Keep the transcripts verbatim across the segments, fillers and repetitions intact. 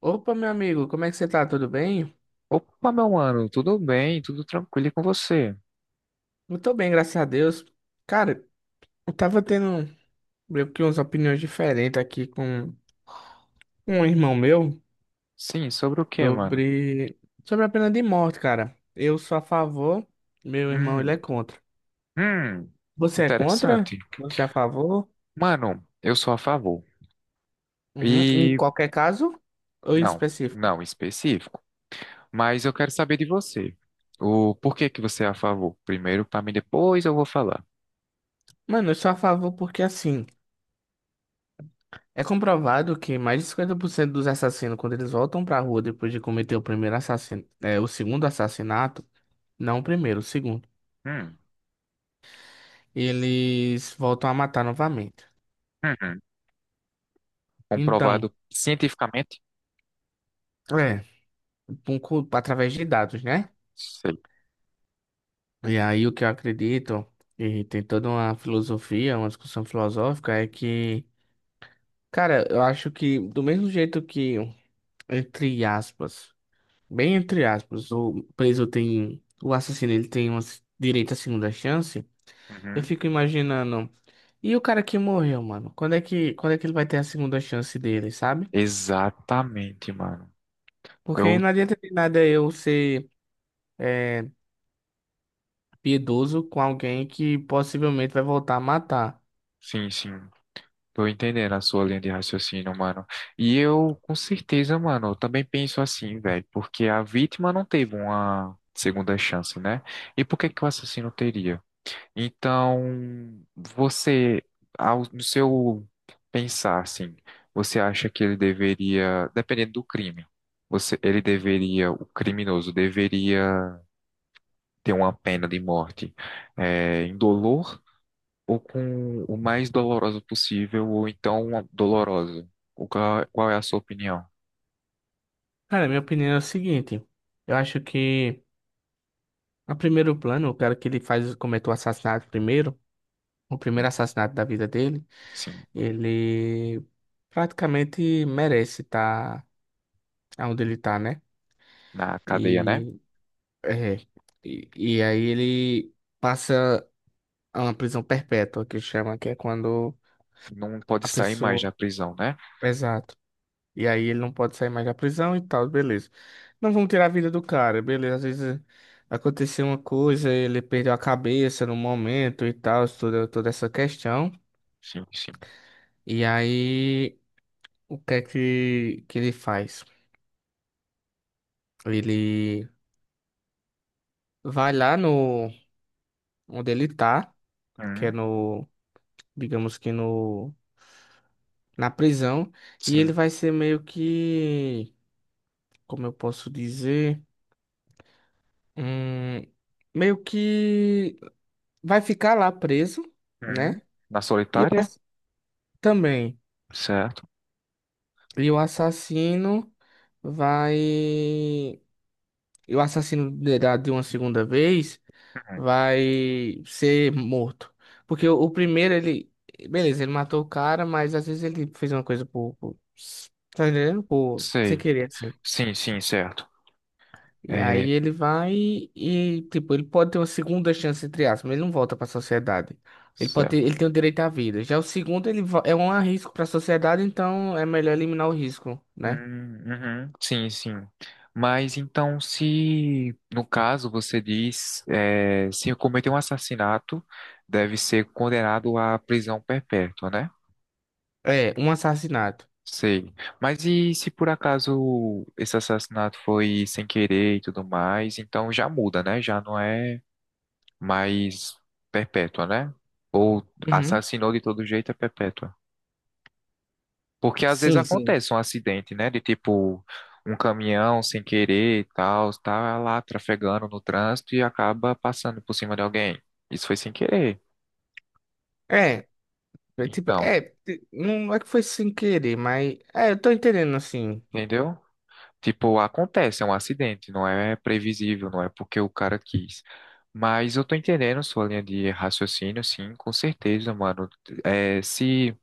Opa, meu amigo, como é que você tá? Tudo bem? Opa, meu mano, tudo bem? Tudo tranquilo e com você? Eu tô bem, graças a Deus. Cara, eu tava tendo meio que umas opiniões diferentes aqui com um irmão meu Sim, sobre o que, mano? sobre, sobre a pena de morte, cara. Eu sou a favor, meu irmão ele Hum, é contra. hum, Você é contra? interessante. Você é a favor? Mano, eu sou a favor. Uhum. Em E qualquer caso ou em não, específico? não específico, mas eu quero saber de você. O porquê que você é a favor? Primeiro para mim, depois eu vou falar. Mano, eu sou a favor porque assim, é comprovado que mais de cinquenta por cento dos assassinos, quando eles voltam pra rua depois de cometer o primeiro assassino, é, o segundo assassinato, não o primeiro, o segundo. Hum, Eles voltam a matar novamente. uhum. Então, Comprovado cientificamente? é, com- com- através de dados, né? Sei. E aí o que eu acredito, e tem toda uma filosofia, uma discussão filosófica, é que, cara, eu acho que do mesmo jeito que, entre aspas, bem entre aspas, o preso tem, o assassino ele tem um direito à segunda chance, eu Uhum. fico imaginando, e o cara que morreu, mano? Quando é que, quando é que ele vai ter a segunda chance dele, sabe? Exatamente, mano. Porque Eu, não adianta de nada eu ser é, piedoso com alguém que possivelmente vai voltar a matar. sim, sim. Tô entendendo a sua linha de raciocínio, mano. E eu, com certeza, mano, eu também penso assim, velho, porque a vítima não teve uma segunda chance, né? E por que que o assassino teria? Então, você, ao, no seu pensar, assim, você acha que ele deveria, dependendo do crime, você, ele deveria, o criminoso deveria ter uma pena de morte, é, indolor? Ou com o mais doloroso possível, ou então doloroso. O qual, qual é a sua opinião? Cara, minha opinião é o seguinte. Eu acho que, a primeiro plano, o cara que ele faz, cometeu o assassinato primeiro, o primeiro Hum, assassinato da vida dele, Sim, ele praticamente merece estar onde ele tá, né? na cadeia, né? E, é, e, e aí ele passa a uma prisão perpétua, que chama, que é quando Não pode a sair mais pessoa... da prisão, né? Exato. E aí ele não pode sair mais da prisão e tal, beleza. Não vamos tirar a vida do cara, beleza. Às vezes aconteceu uma coisa, ele perdeu a cabeça no momento e tal, toda, toda essa questão. Sim, sim. E aí, o que é que, que ele faz? Ele vai lá no onde ele tá, que é Hum, no, digamos que no, na prisão, e sim. ele vai ser meio que, como eu posso dizer, hum, meio que vai ficar lá preso, Hum. né? Na E o solitária? ass- também. Certo. E o assassino vai. E o assassino de da- de uma segunda vez Hum, vai ser morto. Porque o, o primeiro, ele. Beleza, ele matou o cara, mas às vezes ele fez uma coisa por. Por- tá entendendo? Por, sem sei. querer, assim. Sim, sim, certo. E aí É, ele vai e, tipo, ele pode ter uma segunda chance, entre aspas, mas ele não volta pra sociedade. Ele pode ter- certo. ele tem o direito à vida. Já o segundo, ele vo- é um risco pra sociedade, então é melhor eliminar o risco, né? Hum, uhum, sim, sim. Mas então, se no caso você diz, é, se cometer um assassinato, deve ser condenado à prisão perpétua, né? É, um assassinato. Sei. Mas e se por acaso esse assassinato foi sem querer e tudo mais, então já muda, né? Já não é mais perpétua, né? Ou Uhum. assassinou de todo jeito é perpétua. Porque às vezes Sim, sim. acontece um acidente, né? De tipo um caminhão sem querer e tal, tá lá trafegando no trânsito e acaba passando por cima de alguém. Isso foi sem querer. É, é tipo, Então, é, t- não é que foi sem querer, mas é, eu tô entendendo assim. entendeu? Tipo, acontece, é um acidente, não é previsível, não é porque o cara quis. Mas eu tô entendendo sua linha de raciocínio, sim, com certeza, mano. É, se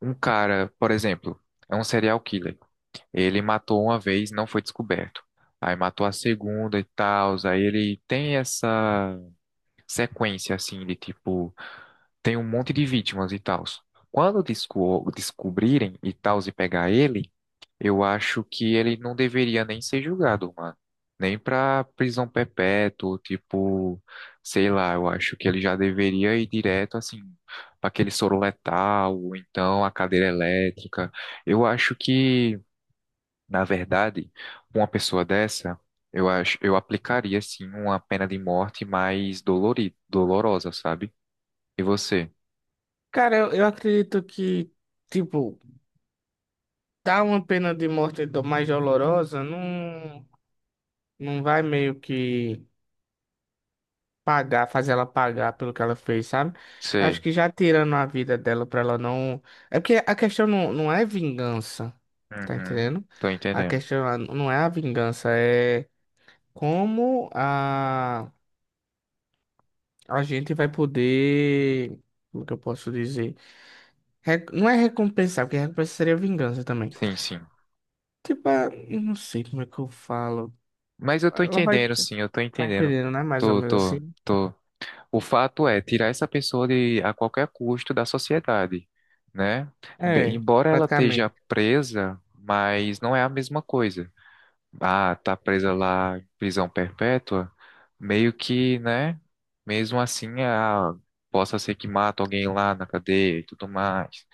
um cara, por exemplo, é um serial killer, ele matou uma vez, não foi descoberto. Aí matou a segunda e tal, aí ele tem essa sequência, assim, de tipo, tem um monte de vítimas e tal. Quando desco- descobrirem e tal, e pegar ele. Eu acho que ele não deveria nem ser julgado, mano. Nem pra prisão perpétua, tipo, sei lá, eu acho que ele já deveria ir direto, assim, pra aquele soro letal, ou então a cadeira elétrica. Eu acho que, na verdade, uma pessoa dessa, eu acho, eu aplicaria, assim uma pena de morte mais dolorida, dolorosa, sabe? E você? Cara, eu, eu acredito que, tipo, dar uma pena de morte do- mais dolorosa não, não vai meio que pagar, fazer ela pagar pelo que ela fez, sabe? Acho Sei. que já tirando a vida dela pra ela não. É porque a questão não, não é vingança, tá Uhum. entendendo? Tô A entendendo. questão não é a vingança, é como a. A gente vai poder. Como que eu posso dizer? Re- não é recompensar, porque recompensa seria vingança também. Sim, sim. Tipo, ah, eu não sei como é que eu falo. Mas eu tô Ela vai. entendendo, sim, eu tô Vai entendendo. entendendo, né? Mais ou Tô, menos tô, assim. tô. O fato é tirar essa pessoa de a qualquer custo da sociedade, né? Bem, É, embora ela esteja praticamente. presa, mas não é a mesma coisa. Ah, tá presa lá em prisão perpétua, meio que, né? Mesmo assim, ah, possa ser que mata alguém lá na cadeia e tudo mais.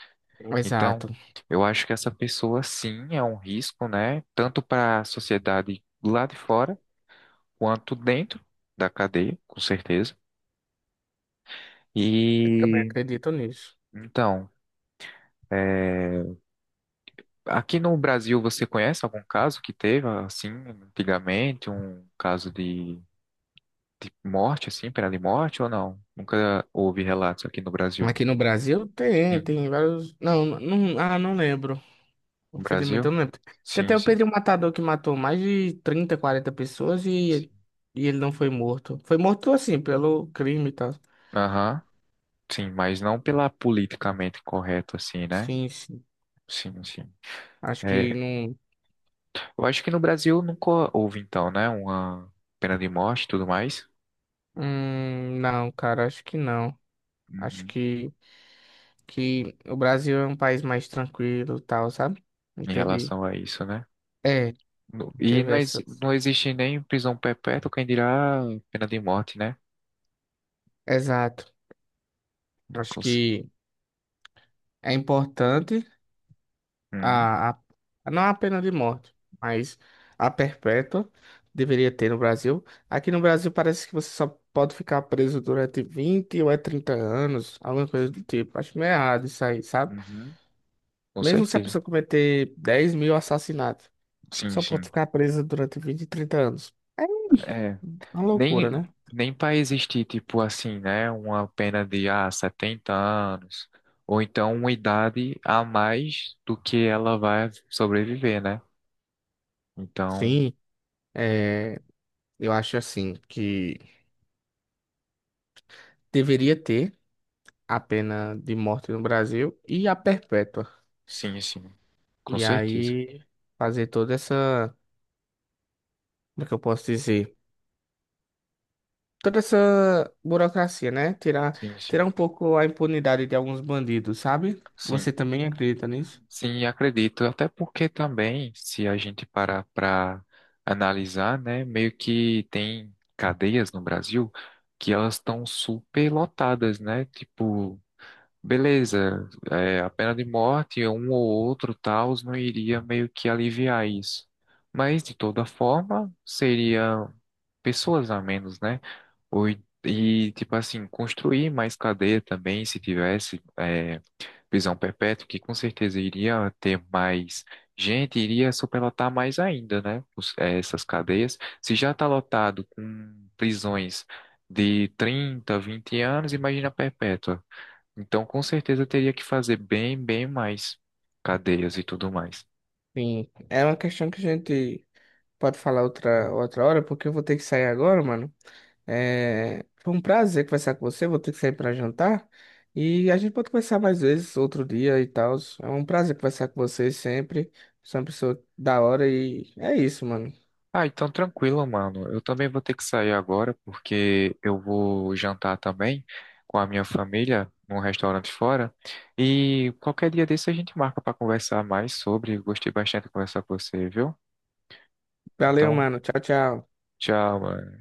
Então, Exato. eu acho que essa pessoa sim é um risco, né? Tanto para a sociedade lá de fora quanto dentro da cadeia, com certeza. Eu também E acredito nisso. então, é, aqui no Brasil você conhece algum caso que teve assim antigamente, um caso de, de morte assim, pena de morte ou não? Nunca houve relatos aqui no Brasil. Aqui no Brasil tem, Sim, tem vários. Não, não, ah, não lembro. no Infelizmente Brasil? eu não lembro. Tem Sim, até o sim. Pedro Matador que matou mais de trinta quarenta pessoas e, Sim. e ele não foi morto. Foi morto assim, pelo crime e tal. Aham. Sim, mas não pela politicamente correta assim, né? Sim, sim. Sim, sim. Acho É, que não. eu acho que no Brasil nunca houve então, né, uma pena de morte e tudo mais. Hum, não, cara, acho que não. Acho Uhum. que, que o Brasil é um país mais tranquilo e tal, sabe? Não Em teve. relação a isso, né? É, No- E teve não, essa. exi- não existe nem prisão perpétua, quem dirá pena de morte, né? Exato. Acho Com, ce- que é importante Hum, a, a- a- não a pena de morte, mas a perpétua deveria ter no Brasil. Aqui no Brasil parece que você só pode ficar preso durante vinte ou é trinta anos, alguma coisa do tipo. Acho meio errado isso aí, sabe? uhum, com Mesmo se a certeza. pessoa cometer dez mil assassinatos. Sim, Só pode sim. ficar presa durante vinte e trinta anos. É É, uma loucura, nem, né? nem para existir, tipo assim, né? Uma pena de, ah, setenta anos, ou então uma idade a mais do que ela vai sobreviver, né? Então, Sim, é, eu acho assim que deveria ter a pena de morte no Brasil e a perpétua. sim, sim, com E certeza. aí fazer toda essa, como é que eu posso dizer? Toda essa burocracia, né? Tirar, Sim, sim, tirar um pouco a impunidade de alguns bandidos, sabe? Você sim. também acredita nisso? Sim, acredito. Até porque também, se a gente parar para analisar, né, meio que tem cadeias no Brasil que elas estão super lotadas, né? Tipo, beleza, é, a pena de morte, um ou outro tal, não iria meio que aliviar isso. Mas, de toda forma, seria pessoas a menos, né? Ou, e, tipo assim, construir mais cadeia também, se tivesse. É, prisão perpétua, que com certeza iria ter mais gente, iria superlotar mais ainda, né? os- eh, essas cadeias. Se já está lotado com prisões de trinta vinte anos, imagina a perpétua. Então, com certeza teria que fazer bem, bem mais cadeias e tudo mais. Sim, é uma questão que a gente pode falar outra, outra hora, porque eu vou ter que sair agora, mano. É, foi um prazer conversar com você. Vou ter que sair para jantar. E a gente pode conversar mais vezes, outro dia e tal. É um prazer conversar com você sempre. Você é uma pessoa da hora e é isso, mano. Ah, então tranquilo, mano. Eu também vou ter que sair agora porque eu vou jantar também com a minha família num restaurante fora. E qualquer dia desse a gente marca para conversar mais sobre. Gostei bastante de conversar com você, viu? Valeu, Então, mano. Tchau, tchau. tchau, mano.